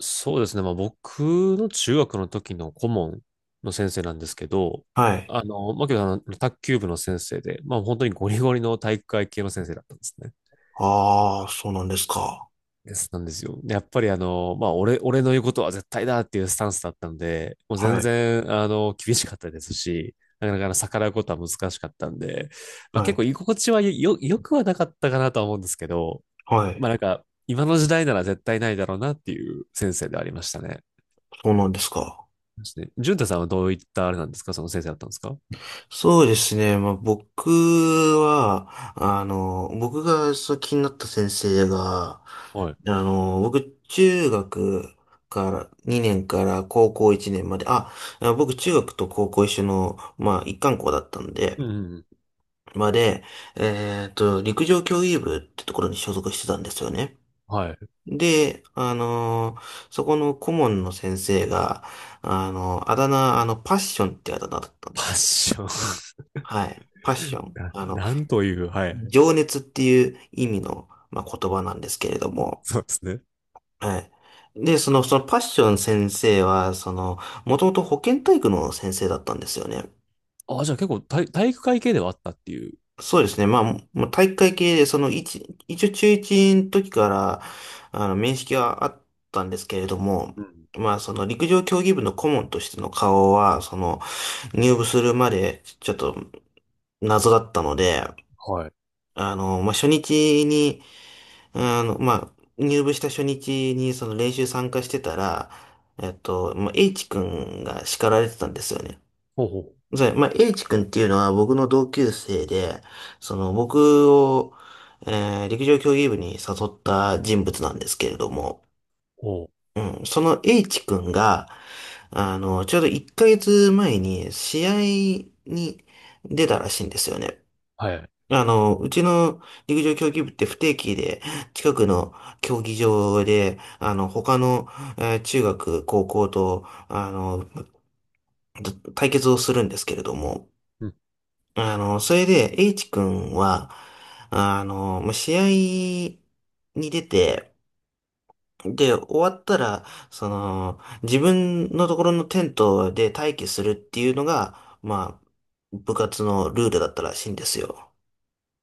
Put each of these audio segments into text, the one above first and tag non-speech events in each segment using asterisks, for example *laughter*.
そうですね。まあ、僕の中学の時の顧問の先生なんですけど、はい。卓球部の先生で、まあ、本当にゴリゴリの体育会系の先生だったんですね。ああ、そうなんですか。なんですよ。で、やっぱりまあ、俺の言うことは絶対だっていうスタンスだったんで、もう全はい。然、厳しかったですし、なかなか逆らうことは難しかったんで、まあ、は結構い。居心地はよくはなかったかなとは思うんですけど、はまい。あ、なんか、今の時代なら絶対ないだろうなっていう先生ではありましたね。そうなんですか。ですね。淳太さんはどういったあれなんですか、その先生だったんですか？そうですね。まあ、僕は、あの、僕がそう気になった先生が、はい。僕、中学から2年から高校1年まで、あ、僕、中学と高校一緒の、まあ、一貫校だったんで、うんうんうん。まで、陸上競技部ってところに所属してたんですよね。はい。で、そこの顧問の先生が、あのーあだ名、あの、パッションってあだ名だったんパでッす。ション。 はい。パッショ *laughs* ン。な。なんという、はい。情熱っていう意味の、まあ、言葉なんですけれども、そうですね。はい。で、そのパッション先生は、その、もともと保健体育の先生だったんですよね。あ、じゃあ結構体育会系ではあったっていう。そうですね。まあ、もう体育会系で、一応中一の時から、面識はあったんですけれども、うん。まあ、その陸上競技部の顧問としての顔は、その、入部するまで、ちょっと謎だったので、はい。あの、まあ、初日に、あの、まあ、入部した初日に、その練習参加してたら、まあ、H 君が叱られてたんですよね。ほうほう。じゃあ、まあ、H 君っていうのは僕の同級生で、その僕を、陸上競技部に誘った人物なんですけれども、ほう。うん、その H 君が、ちょうど1ヶ月前に試合に出たらしいんですよね。はいはい。うちの陸上競技部って不定期で近くの競技場で、他の、中学、高校と、対決をするんですけれども、うん。それで、H 君は、まあ試合に出て、で、終わったら、その、自分のところのテントで待機するっていうのが、まあ、部活のルールだったらしいんですよ。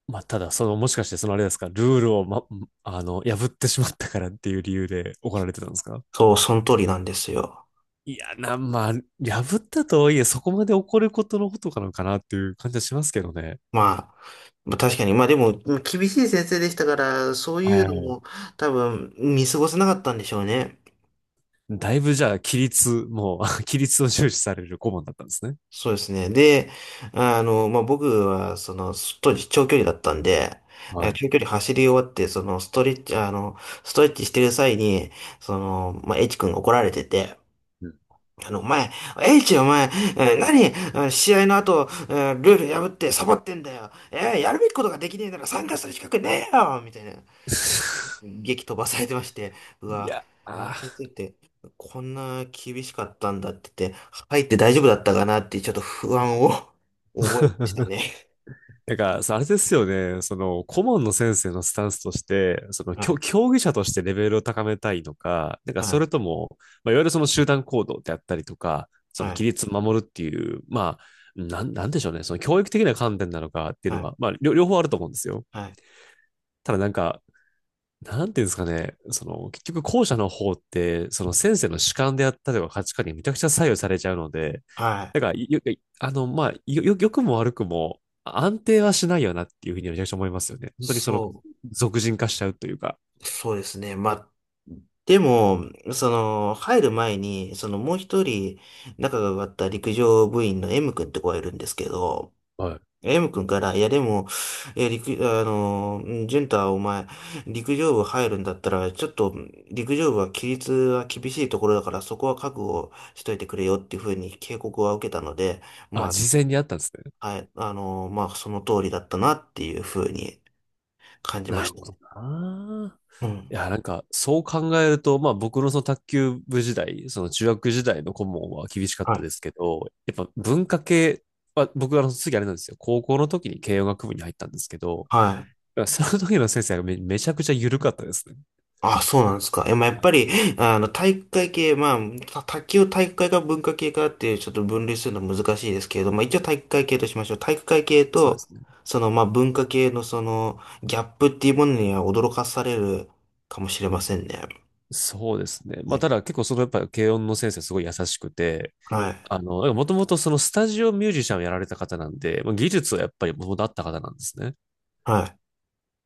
まあ、ただ、その、もしかして、そのあれですか、ルールを、ま、あの、破ってしまったからっていう理由で怒られてたんですか？そう、その通りなんですよ。いや、な、まあ、破ったとはいえ、そこまで怒ることのことかなのかなっていう感じはしますけどね。まあ、まあ確かに、まあでも、厳しい先生でしたから、そうはいいうはのい。も多分見過ごせなかったんでしょうね。だいぶじゃあ、規律、もう、*laughs* 規律を重視される顧問だったんですね。そうですね。で、まあ、僕は、その、当時長距離だったんで、はい。長距離走り終わって、その、ストレッチしてる際に、その、まあ、H 君が怒られてて、うん。 お前、H お前、何、試合の後、ルール破ってサボってんだよ。やるべきことができねえなら参加する資格ねえよみたいな。*laughs* 激飛ばされてまして、ういわ、や、あのあ、先生ってこんな厳しかったんだって言って、入って大丈夫だったかなってちょっと不安を *laughs* 覚えましたね。だからさ、あれですよね。その、顧問の先生のスタンスとして、その、はきい、競技者としてレベルを高めたいのか、なんかはそれい、とも、まあ、いわゆるその集団行動であったりとか、そのは規い、律を守るっていう、まあ、なんでしょうね。その教育的な観点なのかっていうはのい、は、まあ、両方あると思うんですよ。はい、ただなんか、なんていうんですかね、その、結局後者の方って、その先生の主観であったりとか価値観にめちゃくちゃ左右されちゃうので、はい。だから、よ、よあの、まあ、よ良くも悪くも安定はしないよなっていうふうにめちゃくちゃ思いますよね。本当にそその、俗人化しちゃうというか。そうですね。まあ、でも、その、入る前に、そのもう一人仲が良かった陸上部員の M 君って子がいるんですけど、はい。M 君から、いやでも、えー、陸、あのー、うん、淳太お前、陸上部入るんだったら、ちょっと、陸上部は規律は厳しいところだから、そこは覚悟しといてくれよっていうふうに警告は受けたので、あ、ま事前にあったんですね。あ、はい、まあ、その通りだったなっていうふうに感じなましるた。ほどな。ういん。や、なんか、そう考えると、まあ僕のその卓球部時代、その中学時代の顧問は厳しかっはたい。ですけど、やっぱ文化系は、僕はあの次あれなんですよ。高校の時に慶応学部に入ったんですけど、はい。その時の先生がめちゃくちゃ緩かったですね。あ、そうなんですか。え、まあ、やっあぱの、り、体育会系、まあ、卓球を体育会か文化系かっていうちょっと分類するの難しいですけれど、まあ、一応体育会系としましょう。体育会系そうでと、すね。その、まあ、文化系のその、ギャップっていうものには驚かされるかもしれませんね。そうですね。まあ、たね、だ結構そのやっぱり慶の先生すごい優しくて、はい。あの、もともとそのスタジオミュージシャンをやられた方なんで、まあ技術はやっぱりもともとあった方なんですね。はい。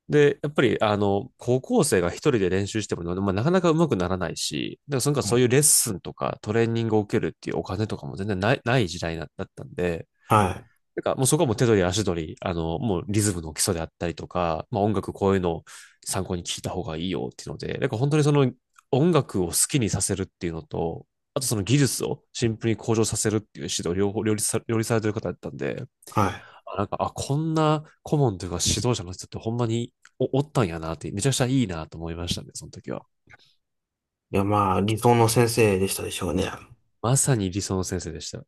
で、やっぱり、あの、高校生が一人で練習しても、まあ、なかなか上手くならないし、だからそのかそういうレッスンとかトレーニングを受けるっていうお金とかも全然ない時代だったんで、はい。なんかもうそこはもう手取り足取り、あの、もうリズムの基礎であったりとか、まあ音楽こういうのを参考に聞いた方がいいよっていうので、なんか本当にその音楽を好きにさせるっていうのと、あとその技術をシンプルに向上させるっていう指導両方両立さ、両立されてる方だったんで、はい。あ、なんか、あ、こんな顧問というか指導者の人ってほんまにおったんやなって、めちゃくちゃいいなと思いましたね、その時は。いや、まあ、理想の先生でしたでしょうね。まさに理想の先生でした。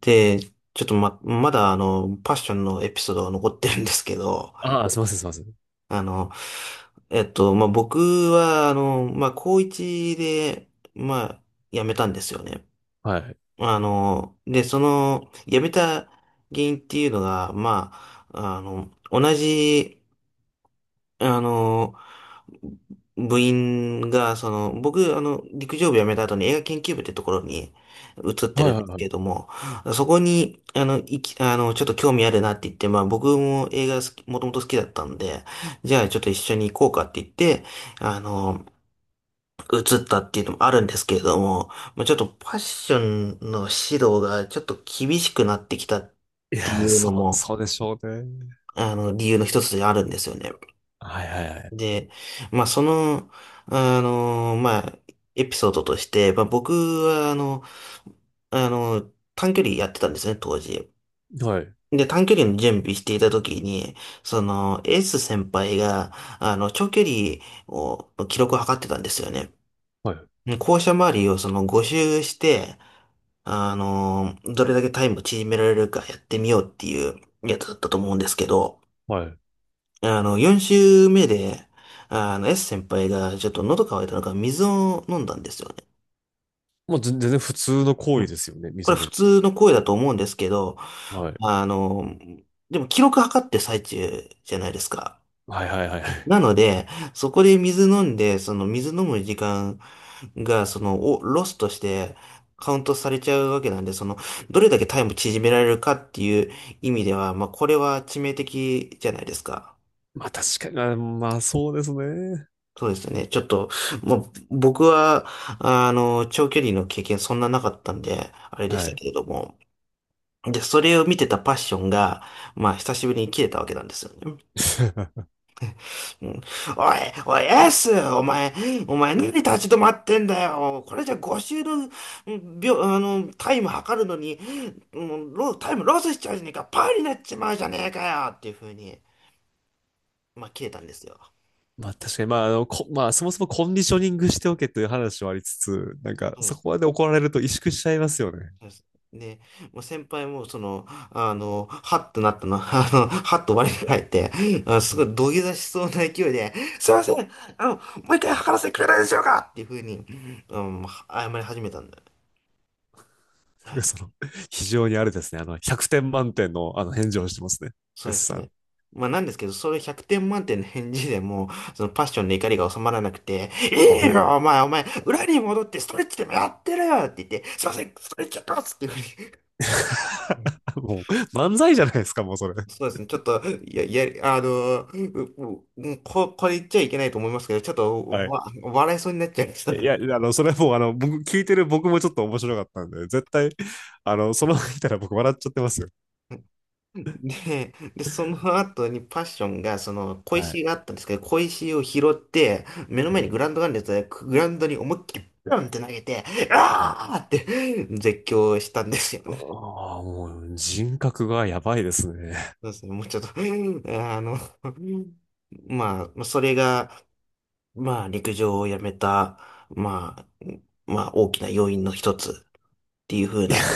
で、ちょっとま、まだあの、パッションのエピソードが残ってるんですけど、ああ、すいません、すいません。あの、まあ、僕は、まあ、高一で、まあ、辞めたんですよね。はい。で、その、辞めた原因っていうのが、まあ、同じ、あの、部員が、その、僕、陸上部辞めた後に映画研究部ってところに移ってはいるんはでいすはけい。れども、そこに、あの、いき、あの、ちょっと興味あるなって言って、まあ僕も映画好き、もともと好きだったんで、じゃあちょっと一緒に行こうかって言って、あの、移ったっていうのもあるんですけれども、まあちょっとファッションの指導がちょっと厳しくなってきたっいてや、いうのも、そうでしょうね。理由の一つであるんですよね。はいはいはい。で、まあ、その、まあ、エピソードとして、まあ、僕は、あの、短距離やってたんですね、当時。はい、で、短距離の準備していた時に、その、エース先輩が、長距離を、記録を測ってたんですよね。はい、で、校舎周りをその5周して、どれだけタイムを縮められるかやってみようっていうやつだったと思うんですけど、はい。4週目で、S 先輩がちょっと喉乾いたのか水を飲んだんですよね。もう全然普通の行う為ん。ですよね、これ溝普の。通の声だと思うんですけど、はい。あの、でも記録測ってる最中じゃないですか。はいはいはい。なので、そこで水飲んで、その水飲む時間が、その、をロスとしてカウントされちゃうわけなんで、その、どれだけタイム縮められるかっていう意味では、まあ、これは致命的じゃないですか。まあ確かに、まあまあそうですね。そうですね。ちょっと、もう、僕は、長距離の経験そんななかったんで、あれでしはたい。けれども。で、それを見てたパッションが、まあ、久しぶりに切れたわけなんですよね。*laughs* うん、おい、おい、エースお前、何立ち止まってんだよ。これじゃ5周の、うん秒、タイム測るのに、もうタイムロスしちゃうじゃねえか、パーになっちまうじゃねえかよっていう風に、まあ、切れたんですよ。まあ確かに、まあ、あの、こ、まあそもそもコンディショニングしておけという話はありつつ、なんかそこまで怒られると萎縮しちゃいますよね。そうですね。もう先輩も、その、はっとなったの、*laughs* はっと我に返って、あ、うすごん。い土下座しそうな勢いで、すいません、もう一回測らせてくれないでしょうかっていうふうに、うん、謝り始めたんだよ。なんはかい。その、非常にあれですね、あの、100点満点のあの返事をしてますね。そうで S すさん。ね。まあなんですけど、それ100点満点の返事でもそのパッションの怒りが収まらなくて、あいいれ。 よ、お前、お前、裏に戻ってストレッチでもやってるよって言って、すいません、ストレッチやってますっていうふうに。*laughs* もう、漫才じゃないですか、もうそれ。そうですね。ちょっと、いや、いや、これ言っちゃいけないと思いますけど、ちょっとはい。笑いそうになっちゃいましいた。や、あの、それはもう、あの、僕、聞いてる僕もちょっと面白かったんで、絶対、あの、そのまま見たら僕笑っちゃってますよ。で、その後にパッションが、その、小はい。石があったんですけど、小石を拾って、目のう前にん。グラウンドがあるんですが、グラウンドに思いっきりブンって投げて、はい。あーって絶叫したんですよね。ああ、もう人格がやばいですね。そうですね。もうちょっと、あの、まあ、それが、まあ、陸上をやめた、まあ、まあ、大きな要因の一つ。っていう風いや、な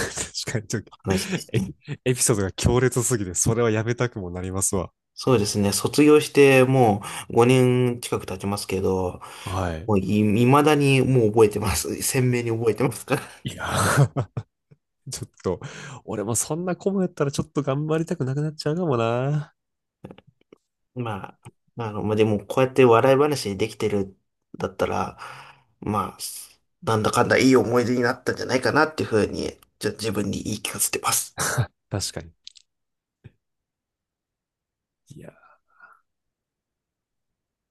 確かにちょっと話ですエね。ピ、エピソードが強烈すぎて、それはやめたくもなりますわ。そうですね。卒業してもう5年近く経ちますけど、はい。もうい、未だにもう覚えてます。鮮明に覚えてますから。いやー、*laughs* ちょっと、俺もそんなコムやったらちょっと頑張りたくなくなっちゃうかもな。*laughs* まあ、まあ、でもこうやって笑い話にできてるだったら、まあ、なんだかんだいい思い出になったんじゃないかなっていうふうに、じゃあ自分に言い聞かせてます。確かに。いや